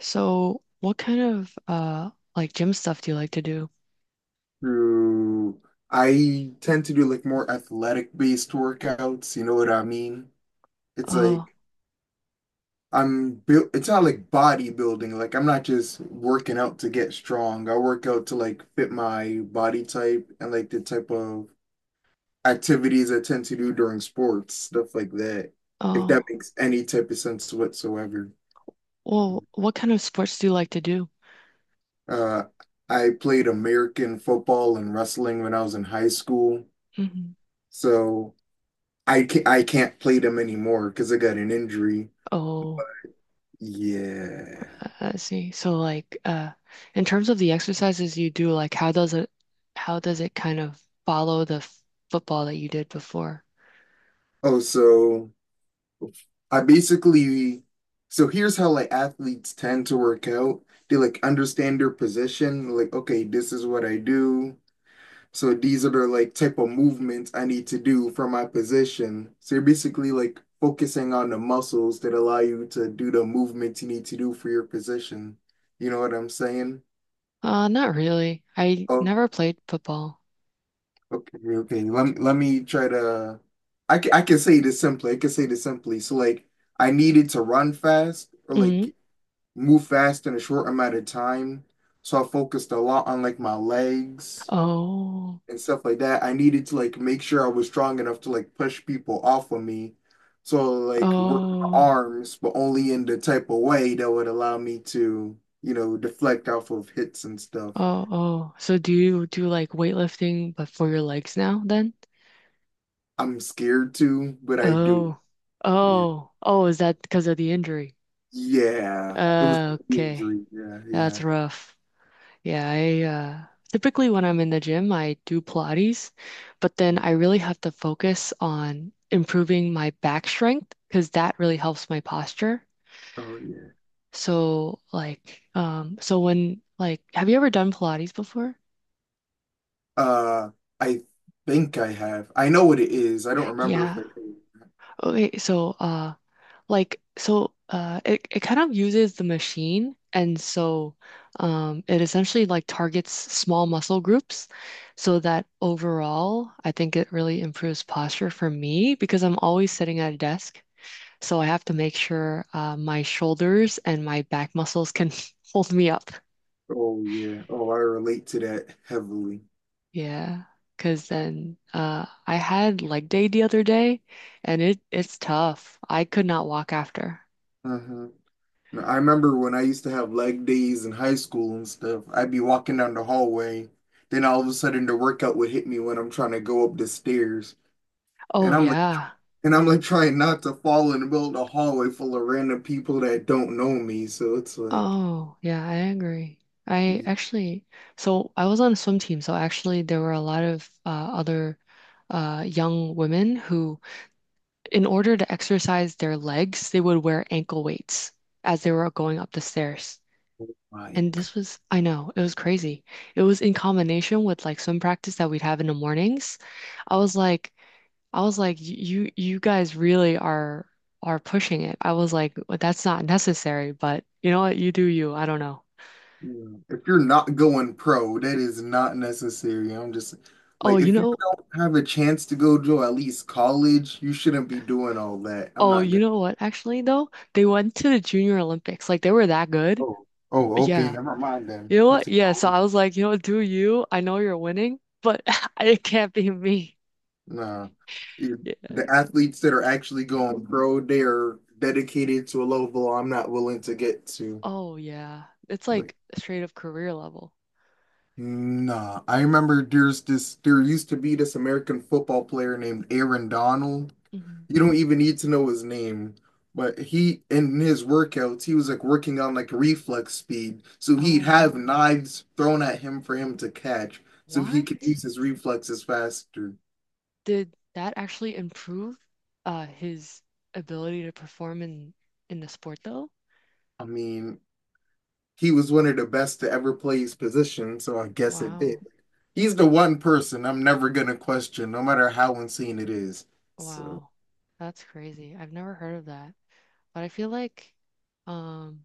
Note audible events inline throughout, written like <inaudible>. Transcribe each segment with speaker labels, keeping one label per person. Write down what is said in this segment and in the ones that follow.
Speaker 1: So, what kind of like gym stuff do you like to do?
Speaker 2: True. I tend to do like more athletic based workouts, you know what I mean? It's
Speaker 1: Oh,
Speaker 2: like I'm built, it's not like bodybuilding. Like I'm not just working out to get strong. I work out to like fit my body type and like the type of activities I tend to do during sports, stuff like that. If that
Speaker 1: oh.
Speaker 2: makes any type of sense whatsoever.
Speaker 1: Well, what kind of sports do you like to do?
Speaker 2: Uh, I played American football and wrestling when I was in high school.
Speaker 1: Hmm.
Speaker 2: So I can't play them anymore because I got an injury.
Speaker 1: Oh,
Speaker 2: Yeah.
Speaker 1: I see. So like in terms of the exercises you do, like how does it kind of follow the football that you did before?
Speaker 2: Oh, so I basically, so here's how like athletes tend to work out. They like understand their position, like, okay, this is what I do. So these are the like type of movements I need to do for my position. So you're basically like focusing on the muscles that allow you to do the movements you need to do for your position. You know what I'm saying?
Speaker 1: Not really. I
Speaker 2: Oh,
Speaker 1: never played football.
Speaker 2: okay, okay. Let me try to. I can say this simply. I can say this simply. So like I needed to run fast or
Speaker 1: Hmm.
Speaker 2: like move fast in a short amount of time. So I focused a lot on like my legs
Speaker 1: Oh,
Speaker 2: and stuff like that. I needed to like make sure I was strong enough to like push people off of me. So like work my
Speaker 1: oh,
Speaker 2: arms, but only in the type of way that would allow me to, deflect off of hits and stuff.
Speaker 1: oh, oh. So do you do like weightlifting but for your legs now then?
Speaker 2: I'm scared to, but I do.
Speaker 1: Oh,
Speaker 2: It.
Speaker 1: oh, oh, is that because of the injury?
Speaker 2: Yeah, it was like the
Speaker 1: Okay,
Speaker 2: injury. Yeah, yeah.
Speaker 1: that's rough. Yeah, I typically when I'm in the gym, I do Pilates, but then
Speaker 2: Yeah.
Speaker 1: I really have to focus on improving my back strength because that really helps my posture.
Speaker 2: Oh yeah.
Speaker 1: So, have you ever done Pilates before?
Speaker 2: Uh, I think I have. I know what it is. I don't remember if
Speaker 1: Yeah.
Speaker 2: I.
Speaker 1: Okay, so it, it kind of uses the machine, and so it essentially like targets small muscle groups, so that overall I think it really improves posture for me because I'm always sitting at a desk, so I have to make sure my shoulders and my back muscles can <laughs> hold me up.
Speaker 2: Oh yeah. Oh, I relate to that heavily.
Speaker 1: Yeah, because then I had leg day the other day, and it's tough. I could not walk after.
Speaker 2: Uh-huh. Now, I remember when I used to have leg days in high school and stuff. I'd be walking down the hallway, then all of a sudden the workout would hit me when I'm trying to go up the stairs, and
Speaker 1: Oh
Speaker 2: I'm like,
Speaker 1: yeah.
Speaker 2: and I'm like trying not to fall in the middle of the hallway full of random people that don't know me. So it's like,
Speaker 1: Oh, yeah, I agree. I actually, so I was on a swim team, so actually there were a lot of other young women who, in order to exercise their legs, they would wear ankle weights as they were going up the stairs.
Speaker 2: my.
Speaker 1: And this was, I know, it was crazy. It was in combination with like swim practice that we'd have in the mornings. I was like, I was like, "You guys really are pushing it." I was like, "Well, that's not necessary, but you know what, you do you. I don't know."
Speaker 2: Yeah. If you're not going pro, that is not necessary. I'm just
Speaker 1: Oh,
Speaker 2: like,
Speaker 1: you
Speaker 2: if you
Speaker 1: know,
Speaker 2: don't have a chance to go to at least college, you shouldn't be doing all that. I'm
Speaker 1: oh,
Speaker 2: not
Speaker 1: you
Speaker 2: gonna.
Speaker 1: know what? Actually, though, they went to the Junior Olympics. Like they were that good.
Speaker 2: Oh, oh, okay,
Speaker 1: Yeah.
Speaker 2: never mind then.
Speaker 1: You know
Speaker 2: That's
Speaker 1: what?
Speaker 2: a
Speaker 1: Yeah, so
Speaker 2: college.
Speaker 1: I was like, you know what, do you? I know you're winning, but <laughs> it can't be me.
Speaker 2: Nah. It-
Speaker 1: Yeah.
Speaker 2: the athletes that are actually going pro, they are dedicated to a level I'm not willing to get to.
Speaker 1: Oh yeah. It's
Speaker 2: Like,
Speaker 1: like straight up career level.
Speaker 2: nah. I remember there's this. There used to be this American football player named Aaron Donald.
Speaker 1: Hmm.
Speaker 2: You don't even need to know his name, but he in his workouts, he was like working on like reflex speed. So he'd
Speaker 1: Oh,
Speaker 2: have knives thrown at him for him to catch, so he could
Speaker 1: what?
Speaker 2: use his reflexes faster.
Speaker 1: Did that actually improve his ability to perform in the sport though?
Speaker 2: I mean, he was one of the best to ever play his position, so I guess it did.
Speaker 1: Wow.
Speaker 2: He's the one person I'm never gonna question, no matter how insane it is. So
Speaker 1: Wow. That's crazy. I've never heard of that. But I feel like um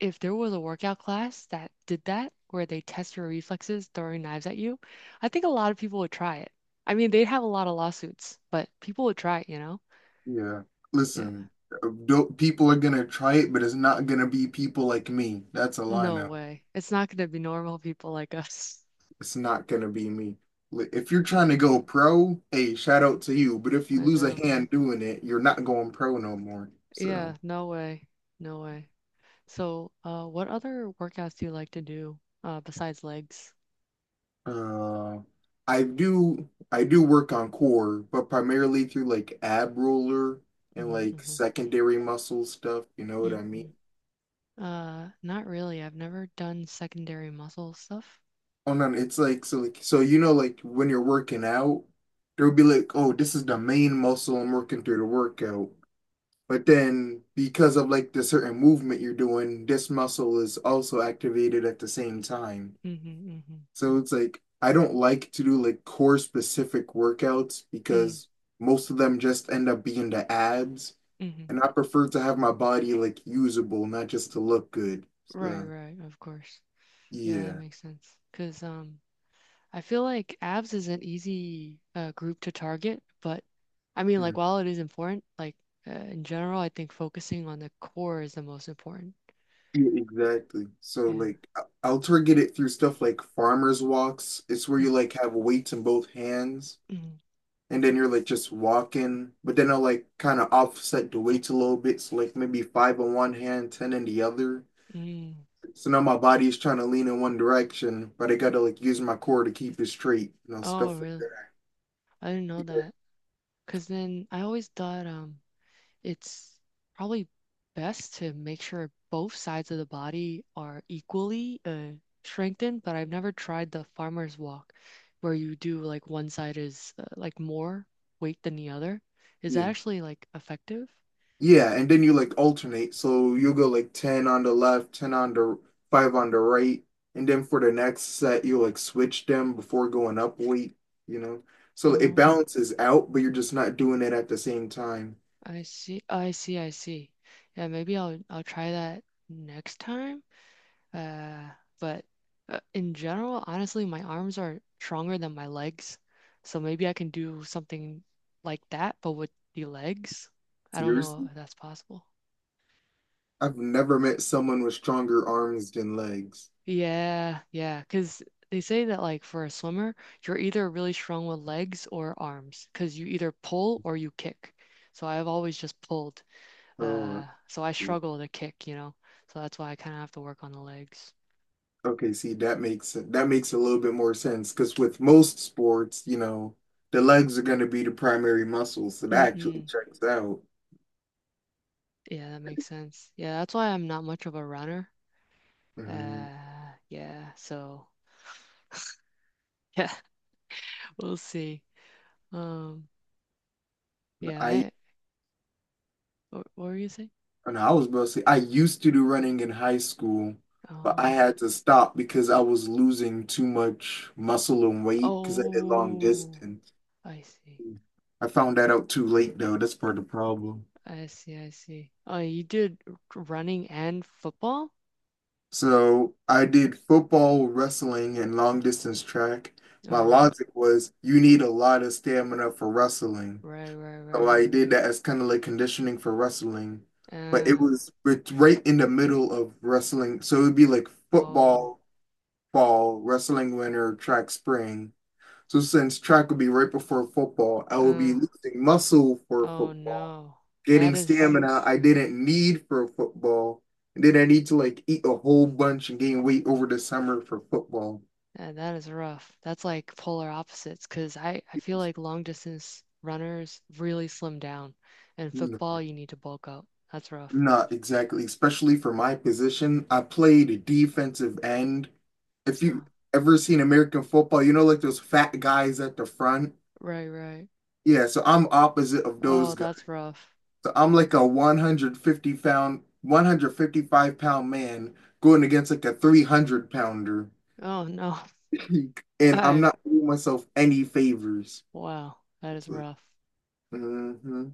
Speaker 1: if there was a workout class that did that, where they test your reflexes throwing knives at you, I think a lot of people would try it. I mean, they'd have a lot of lawsuits, but people would try it, you know?
Speaker 2: yeah,
Speaker 1: Yeah.
Speaker 2: listen, do people are gonna try it, but it's not gonna be people like me. That's all I
Speaker 1: No
Speaker 2: know.
Speaker 1: way. It's not going to be normal people like <laughs> us.
Speaker 2: It's not gonna be me. If you're trying to go pro, hey, shout out to you. But if you
Speaker 1: I
Speaker 2: lose a
Speaker 1: know.
Speaker 2: hand doing it, you're not going pro no more.
Speaker 1: Yeah,
Speaker 2: So,
Speaker 1: no way. No way. So, what other workouts do you like to do besides legs?
Speaker 2: uh, I do work on core, but primarily through like ab roller and
Speaker 1: Hmm,
Speaker 2: like
Speaker 1: hmm.
Speaker 2: secondary muscle stuff. You know what
Speaker 1: Mm-mm.
Speaker 2: I mean?
Speaker 1: Not really. I've never done secondary muscle stuff.
Speaker 2: Oh no, it's like so you know like when you're working out, there'll be like, oh, this is the main muscle I'm working through the workout. But then, because of like the certain movement you're doing, this muscle is also activated at the same time.
Speaker 1: Mm-hmm, mm-hmm,
Speaker 2: So it's like, I don't like to do like core specific workouts
Speaker 1: mm-hmm.
Speaker 2: because most of them just end up being the abs.
Speaker 1: Mm-hmm.
Speaker 2: And I prefer to have my body like usable, not just to look good.
Speaker 1: Right,
Speaker 2: So,
Speaker 1: right, of course. Yeah, that
Speaker 2: yeah.
Speaker 1: makes sense. 'Cause I feel like abs is an easy group to target, but I mean
Speaker 2: Mm.
Speaker 1: like while it is important, like in general, I think focusing on the core is the most important.
Speaker 2: Yeah, exactly. So
Speaker 1: Yeah.
Speaker 2: like I'll target it through stuff like farmer's walks. It's where
Speaker 1: Mm,
Speaker 2: you like have weights in both hands
Speaker 1: mm,
Speaker 2: and then you're like just walking, but then I'll like kind of offset the weights a little bit. So like maybe five on one hand, ten in the other.
Speaker 1: mm.
Speaker 2: So now my body is trying to lean in one direction, but I gotta like use my core to keep it straight, you know,
Speaker 1: Oh,
Speaker 2: stuff like
Speaker 1: really?
Speaker 2: that.
Speaker 1: I didn't know that. 'Cause then I always thought it's probably best to make sure both sides of the body are equally strengthened, but I've never tried the farmer's walk where you do like one side is like more weight than the other. Is that
Speaker 2: Yeah.
Speaker 1: actually like effective?
Speaker 2: Yeah, and then you like alternate. So you'll go like ten on the left, ten on the five on the right, and then for the next set you like switch them before going up weight, you know. So it
Speaker 1: Oh,
Speaker 2: balances out, but you're just not doing it at the same time.
Speaker 1: I see. I see. I see. Yeah, maybe I'll try that next time. Uh, but in general, honestly, my arms are stronger than my legs. So maybe I can do something like that, but with the legs. I don't
Speaker 2: Yours?
Speaker 1: know if that's possible.
Speaker 2: I've never met someone with stronger arms than legs.
Speaker 1: Yeah, yeah, because they say that like for a swimmer, you're either really strong with legs or arms, because you either pull or you kick. So I've always just pulled.
Speaker 2: Oh,
Speaker 1: So I
Speaker 2: yeah.
Speaker 1: struggle to kick, you know. So that's why I kind of have to work on the legs.
Speaker 2: Okay, see, that makes a little bit more sense because with most sports, you know, the legs are going to be the primary muscle, so that actually
Speaker 1: Mm-mm.
Speaker 2: checks out.
Speaker 1: Yeah, that makes sense. Yeah, that's why I'm not much of a runner.
Speaker 2: Mhm.
Speaker 1: Yeah, yeah, <laughs> we'll see. Um, yeah,
Speaker 2: I
Speaker 1: I, what were you saying?
Speaker 2: and I was about to say I used to do running in high school, but I
Speaker 1: Oh,
Speaker 2: had to stop because I was losing too much muscle and weight because I did long
Speaker 1: oh,
Speaker 2: distance.
Speaker 1: I see.
Speaker 2: I found that out too late though. That's part of the problem.
Speaker 1: I see, I see. Oh, you did running and football?
Speaker 2: So I did football, wrestling, and long distance track. My
Speaker 1: Oh, wow.
Speaker 2: logic was you need a lot of stamina for wrestling.
Speaker 1: Right, right,
Speaker 2: So
Speaker 1: right.
Speaker 2: I did that as kind of like conditioning for wrestling. But it
Speaker 1: Uh,
Speaker 2: was it's right in the middle of wrestling. So it would be like
Speaker 1: oh,
Speaker 2: football, fall, wrestling winter, track spring. So since track would be right before football, I would be
Speaker 1: uh,
Speaker 2: losing muscle for
Speaker 1: oh
Speaker 2: football
Speaker 1: no.
Speaker 2: getting
Speaker 1: That is—
Speaker 2: stamina I didn't need for football. And then I need to like eat a whole bunch and gain weight over the summer for football.
Speaker 1: Yeah, that is rough. That's like polar opposites because I feel like long distance runners really slim down, and
Speaker 2: No,
Speaker 1: football, you need to bulk up. That's rough.
Speaker 2: not exactly, especially for my position. I played defensive end. If
Speaker 1: Oh,
Speaker 2: you ever seen American football, you know, like those fat guys at the front.
Speaker 1: right, right.
Speaker 2: Yeah, so I'm opposite of those
Speaker 1: Oh,
Speaker 2: guys.
Speaker 1: that's rough.
Speaker 2: So I'm like a 150-pound, 155-pound man going against like a 300 pounder.
Speaker 1: Oh, no.
Speaker 2: <laughs>
Speaker 1: <laughs>
Speaker 2: And I'm
Speaker 1: I,
Speaker 2: not doing myself any favors.
Speaker 1: wow, that
Speaker 2: It's
Speaker 1: is
Speaker 2: like,
Speaker 1: rough.
Speaker 2: uh-huh.